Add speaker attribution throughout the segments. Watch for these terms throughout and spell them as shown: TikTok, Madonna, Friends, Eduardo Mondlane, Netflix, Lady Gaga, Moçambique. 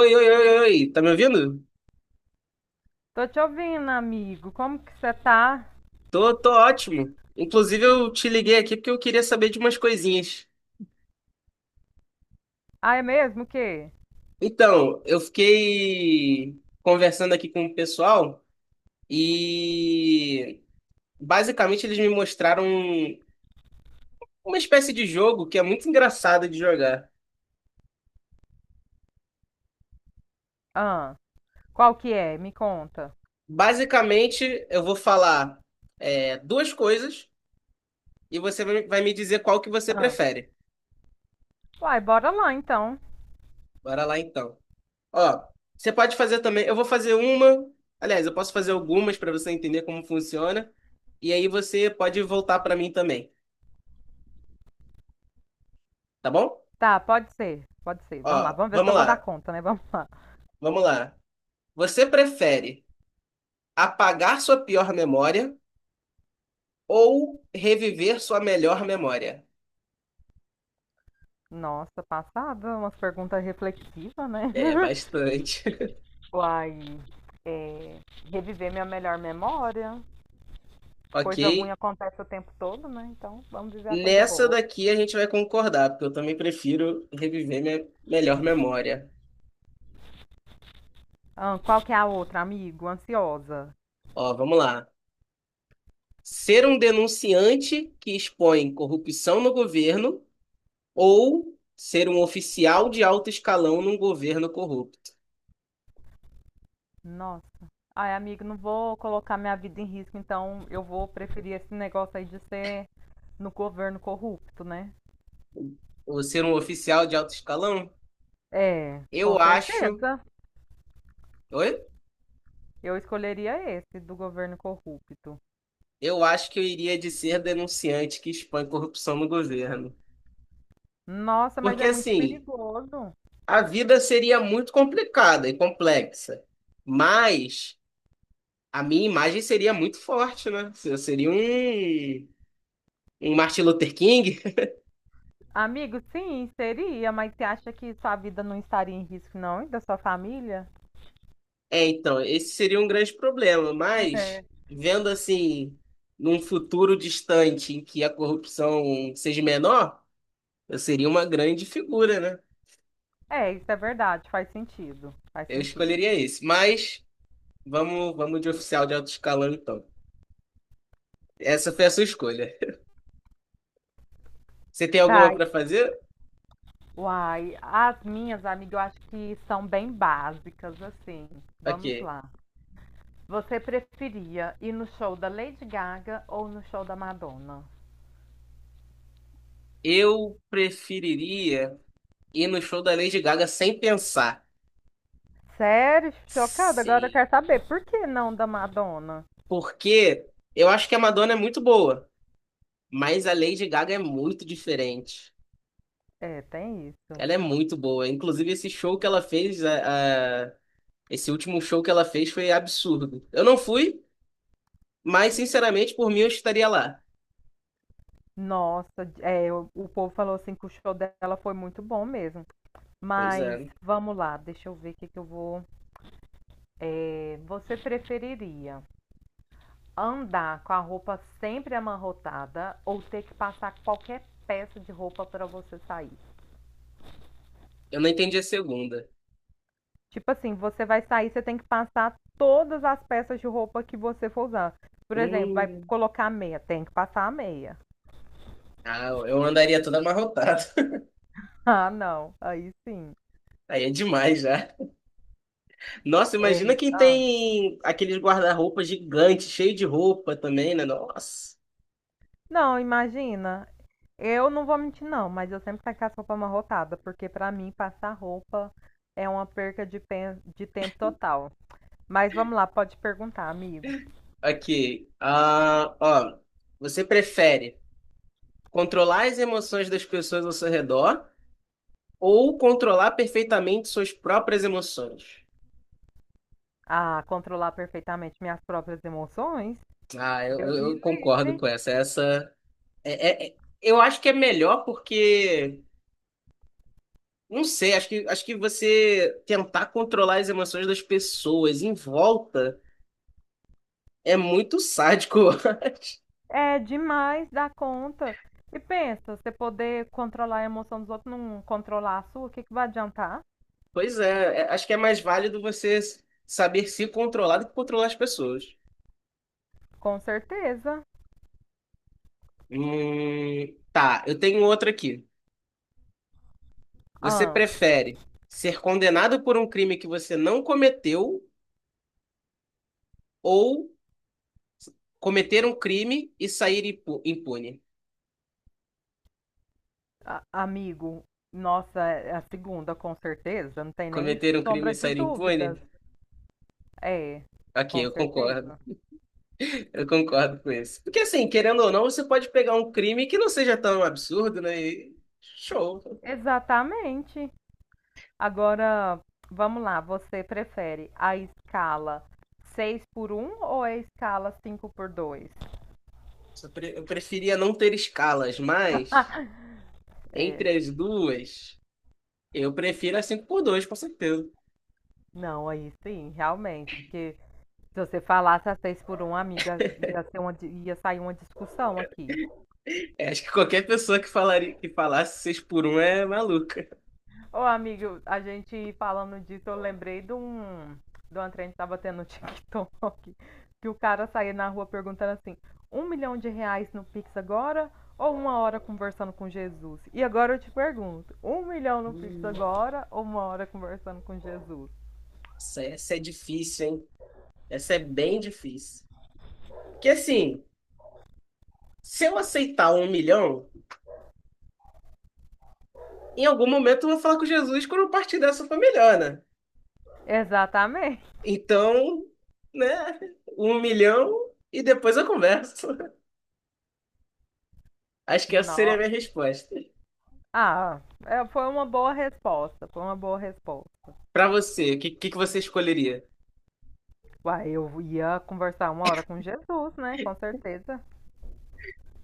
Speaker 1: Oi, oi, oi, oi, tá me ouvindo?
Speaker 2: Tô te ouvindo, amigo. Como que você tá?
Speaker 1: Tô ótimo. Inclusive, eu te liguei aqui porque eu queria saber de umas coisinhas.
Speaker 2: Ah, é mesmo? O quê?
Speaker 1: Então, eu fiquei conversando aqui com o pessoal e basicamente eles me mostraram uma espécie de jogo que é muito engraçado de jogar.
Speaker 2: Ah, qual que é? Me conta.
Speaker 1: Basicamente, eu vou falar duas coisas e você vai me dizer qual que você
Speaker 2: Ah,
Speaker 1: prefere.
Speaker 2: uai, bora lá então.
Speaker 1: Bora lá então. Ó, você pode fazer também. Eu vou fazer uma. Aliás, eu posso fazer algumas para você entender como funciona. E aí você pode voltar para mim também, tá bom?
Speaker 2: Tá, pode ser. Pode ser. Vamos lá,
Speaker 1: Ó,
Speaker 2: vamos ver se
Speaker 1: vamos
Speaker 2: eu vou dar
Speaker 1: lá.
Speaker 2: conta, né? Vamos lá.
Speaker 1: Vamos lá. Você prefere apagar sua pior memória ou reviver sua melhor memória?
Speaker 2: Nossa, passada, umas perguntas reflexivas, né?
Speaker 1: É, bastante.
Speaker 2: Uai, é, reviver minha melhor memória.
Speaker 1: Ok.
Speaker 2: Coisa ruim acontece o tempo todo, né? Então, vamos viver a coisa
Speaker 1: Nessa
Speaker 2: boa.
Speaker 1: daqui a gente vai concordar, porque eu também prefiro reviver minha melhor memória.
Speaker 2: Ah, qual que é a outra, amigo? Ansiosa.
Speaker 1: Ó, vamos lá. Ser um denunciante que expõe corrupção no governo ou ser um oficial de alto escalão num governo corrupto?
Speaker 2: Nossa. Ai, amigo, não vou colocar minha vida em risco, então eu vou preferir esse negócio aí de ser no governo corrupto, né?
Speaker 1: Ou ser um oficial de alto escalão?
Speaker 2: É, com
Speaker 1: Eu acho.
Speaker 2: certeza.
Speaker 1: Oi?
Speaker 2: Eu escolheria esse do governo corrupto.
Speaker 1: Eu acho que eu iria de ser denunciante que expõe corrupção no governo.
Speaker 2: Nossa, mas
Speaker 1: Porque,
Speaker 2: é muito
Speaker 1: assim,
Speaker 2: perigoso.
Speaker 1: a vida seria muito complicada e complexa. Mas a minha imagem seria muito forte, né? Eu seria um Martin Luther King.
Speaker 2: Amigo, sim, seria, mas você acha que sua vida não estaria em risco, não, e da sua família?
Speaker 1: É, então, esse seria um grande problema, mas
Speaker 2: É.
Speaker 1: vendo assim, num futuro distante em que a corrupção seja menor, eu seria uma grande figura, né?
Speaker 2: É, isso é verdade, faz sentido. Faz
Speaker 1: Eu
Speaker 2: sentido.
Speaker 1: escolheria esse. Mas vamos de oficial de alto escalão, então. Essa foi a sua escolha. Você tem alguma
Speaker 2: Tá,
Speaker 1: para fazer?
Speaker 2: uai, as minhas, amiga, eu acho que são bem básicas, assim. Vamos
Speaker 1: Ok.
Speaker 2: lá. Você preferia ir no show da Lady Gaga ou no show da Madonna?
Speaker 1: Eu preferiria ir no show da Lady Gaga sem pensar.
Speaker 2: Sério? Chocada? Agora eu
Speaker 1: Sim.
Speaker 2: quero saber. Por que não da Madonna?
Speaker 1: Porque eu acho que a Madonna é muito boa, mas a Lady Gaga é muito diferente.
Speaker 2: É, tem isso.
Speaker 1: Ela é muito boa. Inclusive, esse show que ela fez, esse último show que ela fez foi absurdo. Eu não fui, mas sinceramente, por mim, eu estaria lá.
Speaker 2: Nossa, é, o povo falou assim que o show dela foi muito bom mesmo.
Speaker 1: Pois
Speaker 2: Mas
Speaker 1: é.
Speaker 2: vamos lá, deixa eu ver o que eu vou. É, você preferiria andar com a roupa sempre amarrotada ou ter que passar qualquer peça de roupa para você sair.
Speaker 1: Eu não entendi a segunda.
Speaker 2: Tipo assim, você vai sair, você tem que passar todas as peças de roupa que você for usar. Por exemplo, vai
Speaker 1: Hum.
Speaker 2: colocar meia, tem que passar a meia.
Speaker 1: Ah, eu andaria toda amarrotada.
Speaker 2: Ah, não, aí sim.
Speaker 1: Aí é demais já. Nossa, imagina
Speaker 2: É,
Speaker 1: quem
Speaker 2: ah.
Speaker 1: tem aqueles guarda-roupa gigante, cheio de roupa também, né? Nossa.
Speaker 2: Não, imagina. Eu não vou mentir, não, mas eu sempre saio com as roupas amarrotadas, porque pra mim passar roupa é uma perca de, de tempo total. Mas vamos lá, pode perguntar, amigo.
Speaker 1: Aqui. Ah, ó. Você prefere controlar as emoções das pessoas ao seu redor? Ou controlar perfeitamente suas próprias emoções.
Speaker 2: Ah, controlar perfeitamente minhas próprias emoções,
Speaker 1: Ah, eu,
Speaker 2: Deus
Speaker 1: eu-
Speaker 2: me
Speaker 1: eu concordo
Speaker 2: livre.
Speaker 1: com essa. Essa eu acho que é melhor porque não sei, acho que você tentar controlar as emoções das pessoas em volta é muito sádico. Eu acho.
Speaker 2: É demais da conta. E pensa, você poder controlar a emoção dos outros, não controlar a sua, o que vai adiantar?
Speaker 1: Pois é, acho que é mais válido você saber se controlar do que controlar as pessoas.
Speaker 2: Com certeza.
Speaker 1: Tá, eu tenho outra aqui. Você
Speaker 2: Ah,
Speaker 1: prefere ser condenado por um crime que você não cometeu? Ou cometer um crime e sair impune.
Speaker 2: amigo, nossa, é a segunda, com certeza, não tem nem
Speaker 1: Cometer um crime
Speaker 2: sombra
Speaker 1: e
Speaker 2: de
Speaker 1: sair
Speaker 2: dúvidas.
Speaker 1: impune?
Speaker 2: É,
Speaker 1: Ok,
Speaker 2: com
Speaker 1: eu concordo.
Speaker 2: certeza.
Speaker 1: Eu concordo com isso. Porque assim, querendo ou não, você pode pegar um crime que não seja tão absurdo, né? E show.
Speaker 2: Exatamente. Agora, vamos lá, você prefere a escala 6 por um ou a escala 5 por 2?
Speaker 1: Eu preferia não ter escalas, mas
Speaker 2: É,
Speaker 1: entre as duas, eu prefiro a 5x2, com certeza.
Speaker 2: não, aí sim, realmente, porque se você falasse a 6 por um, amiga, ia ser uma, ia sair uma discussão aqui.
Speaker 1: É, acho que qualquer pessoa que falaria, que falasse 6x1 é maluca.
Speaker 2: Ô, amigo, a gente falando disso, eu lembrei de um. De uma trend que tava tendo no TikTok. Que o cara saía na rua perguntando assim: 1.000.000 de reais no Pix agora ou uma hora conversando com Jesus? E agora eu te pergunto: 1.000.000 no Pix
Speaker 1: Hum,
Speaker 2: agora ou uma hora conversando com Jesus?
Speaker 1: Nossa, essa é difícil, hein? Essa é bem difícil. Que assim. Se eu aceitar 1 milhão, em algum momento eu vou falar com Jesus quando eu partir dessa foi melhor, né?
Speaker 2: Exatamente.
Speaker 1: Então, né? 1 milhão e depois eu converso. Acho que essa seria a
Speaker 2: Não.
Speaker 1: minha resposta.
Speaker 2: Ah, é, foi uma boa resposta. Foi uma boa resposta.
Speaker 1: Pra você, o que, que você escolheria?
Speaker 2: Uai, eu ia conversar uma hora com Jesus, né? Com certeza.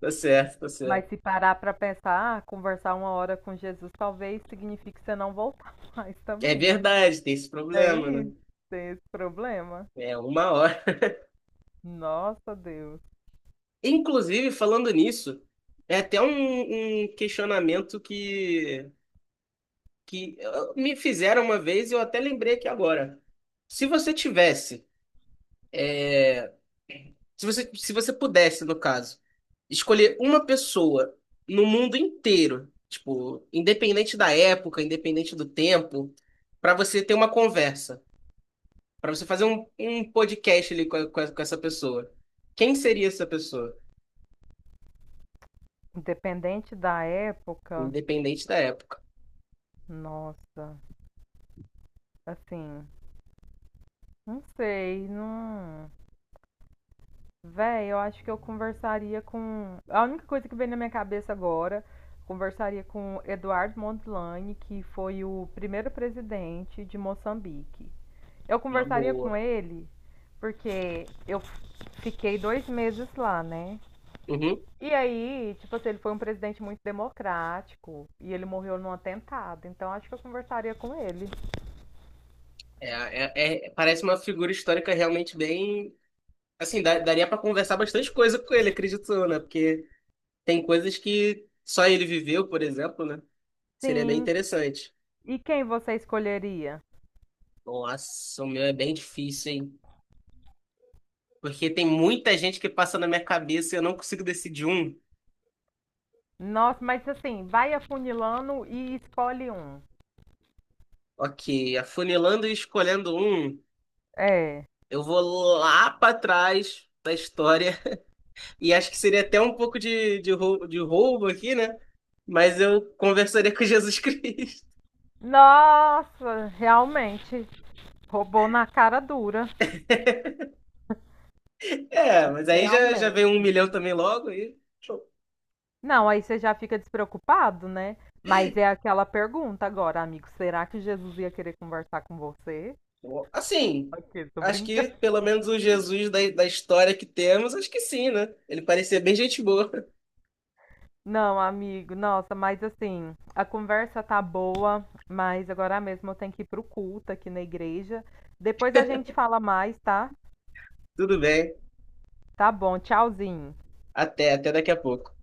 Speaker 1: Tá certo, tá
Speaker 2: Mas
Speaker 1: certo.
Speaker 2: se parar para pensar, ah, conversar uma hora com Jesus talvez signifique você não voltar mais
Speaker 1: É
Speaker 2: também, né?
Speaker 1: verdade, tem esse problema,
Speaker 2: Tem
Speaker 1: né?
Speaker 2: isso, tem esse problema.
Speaker 1: É uma hora.
Speaker 2: Nossa, Deus.
Speaker 1: Inclusive, falando nisso, é até um questionamento que me fizeram uma vez e eu até lembrei aqui agora. Se você tivesse Se você, se você pudesse, no caso, escolher uma pessoa no mundo inteiro, tipo, independente da época, independente do tempo, pra você ter uma conversa, pra você fazer um podcast ali com essa pessoa. Quem seria essa pessoa?
Speaker 2: Independente da época,
Speaker 1: Independente da época.
Speaker 2: nossa, assim, não sei, não. Véi, eu acho que eu conversaria com. A única coisa que vem na minha cabeça agora, conversaria com Eduardo Mondlane, que foi o primeiro presidente de Moçambique. Eu
Speaker 1: Uma
Speaker 2: conversaria
Speaker 1: boa.
Speaker 2: com ele, porque eu fiquei 2 meses lá, né?
Speaker 1: Uhum.
Speaker 2: E aí, tipo assim, ele foi um presidente muito democrático e ele morreu num atentado. Então acho que eu conversaria com ele.
Speaker 1: É, parece uma figura histórica realmente bem. Assim, daria pra conversar bastante coisa com ele, acredito, eu, né? Porque tem coisas que só ele viveu, por exemplo, né? Seria bem
Speaker 2: Sim.
Speaker 1: interessante.
Speaker 2: E quem você escolheria?
Speaker 1: Nossa, o meu é bem difícil, hein? Porque tem muita gente que passa na minha cabeça e eu não consigo decidir um.
Speaker 2: Nossa, mas assim, vai afunilando e escolhe um.
Speaker 1: Ok, afunilando e escolhendo um,
Speaker 2: É.
Speaker 1: eu vou lá pra trás da história. E acho que seria até um pouco de roubo aqui, né? Mas eu conversaria com Jesus Cristo.
Speaker 2: Nossa, realmente. Roubou na cara dura.
Speaker 1: É, mas aí já, já
Speaker 2: Realmente.
Speaker 1: vem 1 milhão também logo. E... show.
Speaker 2: Não, aí você já fica despreocupado, né. Mas é aquela pergunta agora: "Amigo, será que Jesus ia querer conversar com você?"
Speaker 1: Então, assim,
Speaker 2: Ok, tô
Speaker 1: acho que
Speaker 2: brincando.
Speaker 1: pelo menos o Jesus da história que temos, acho que sim, né? Ele parecia bem gente boa.
Speaker 2: Não, amigo, nossa, mas assim, a conversa tá boa, mas agora mesmo eu tenho que ir para culto aqui na igreja. Depois a gente fala mais, tá?
Speaker 1: Tudo bem.
Speaker 2: Tá bom, tchauzinho.
Speaker 1: Até daqui a pouco.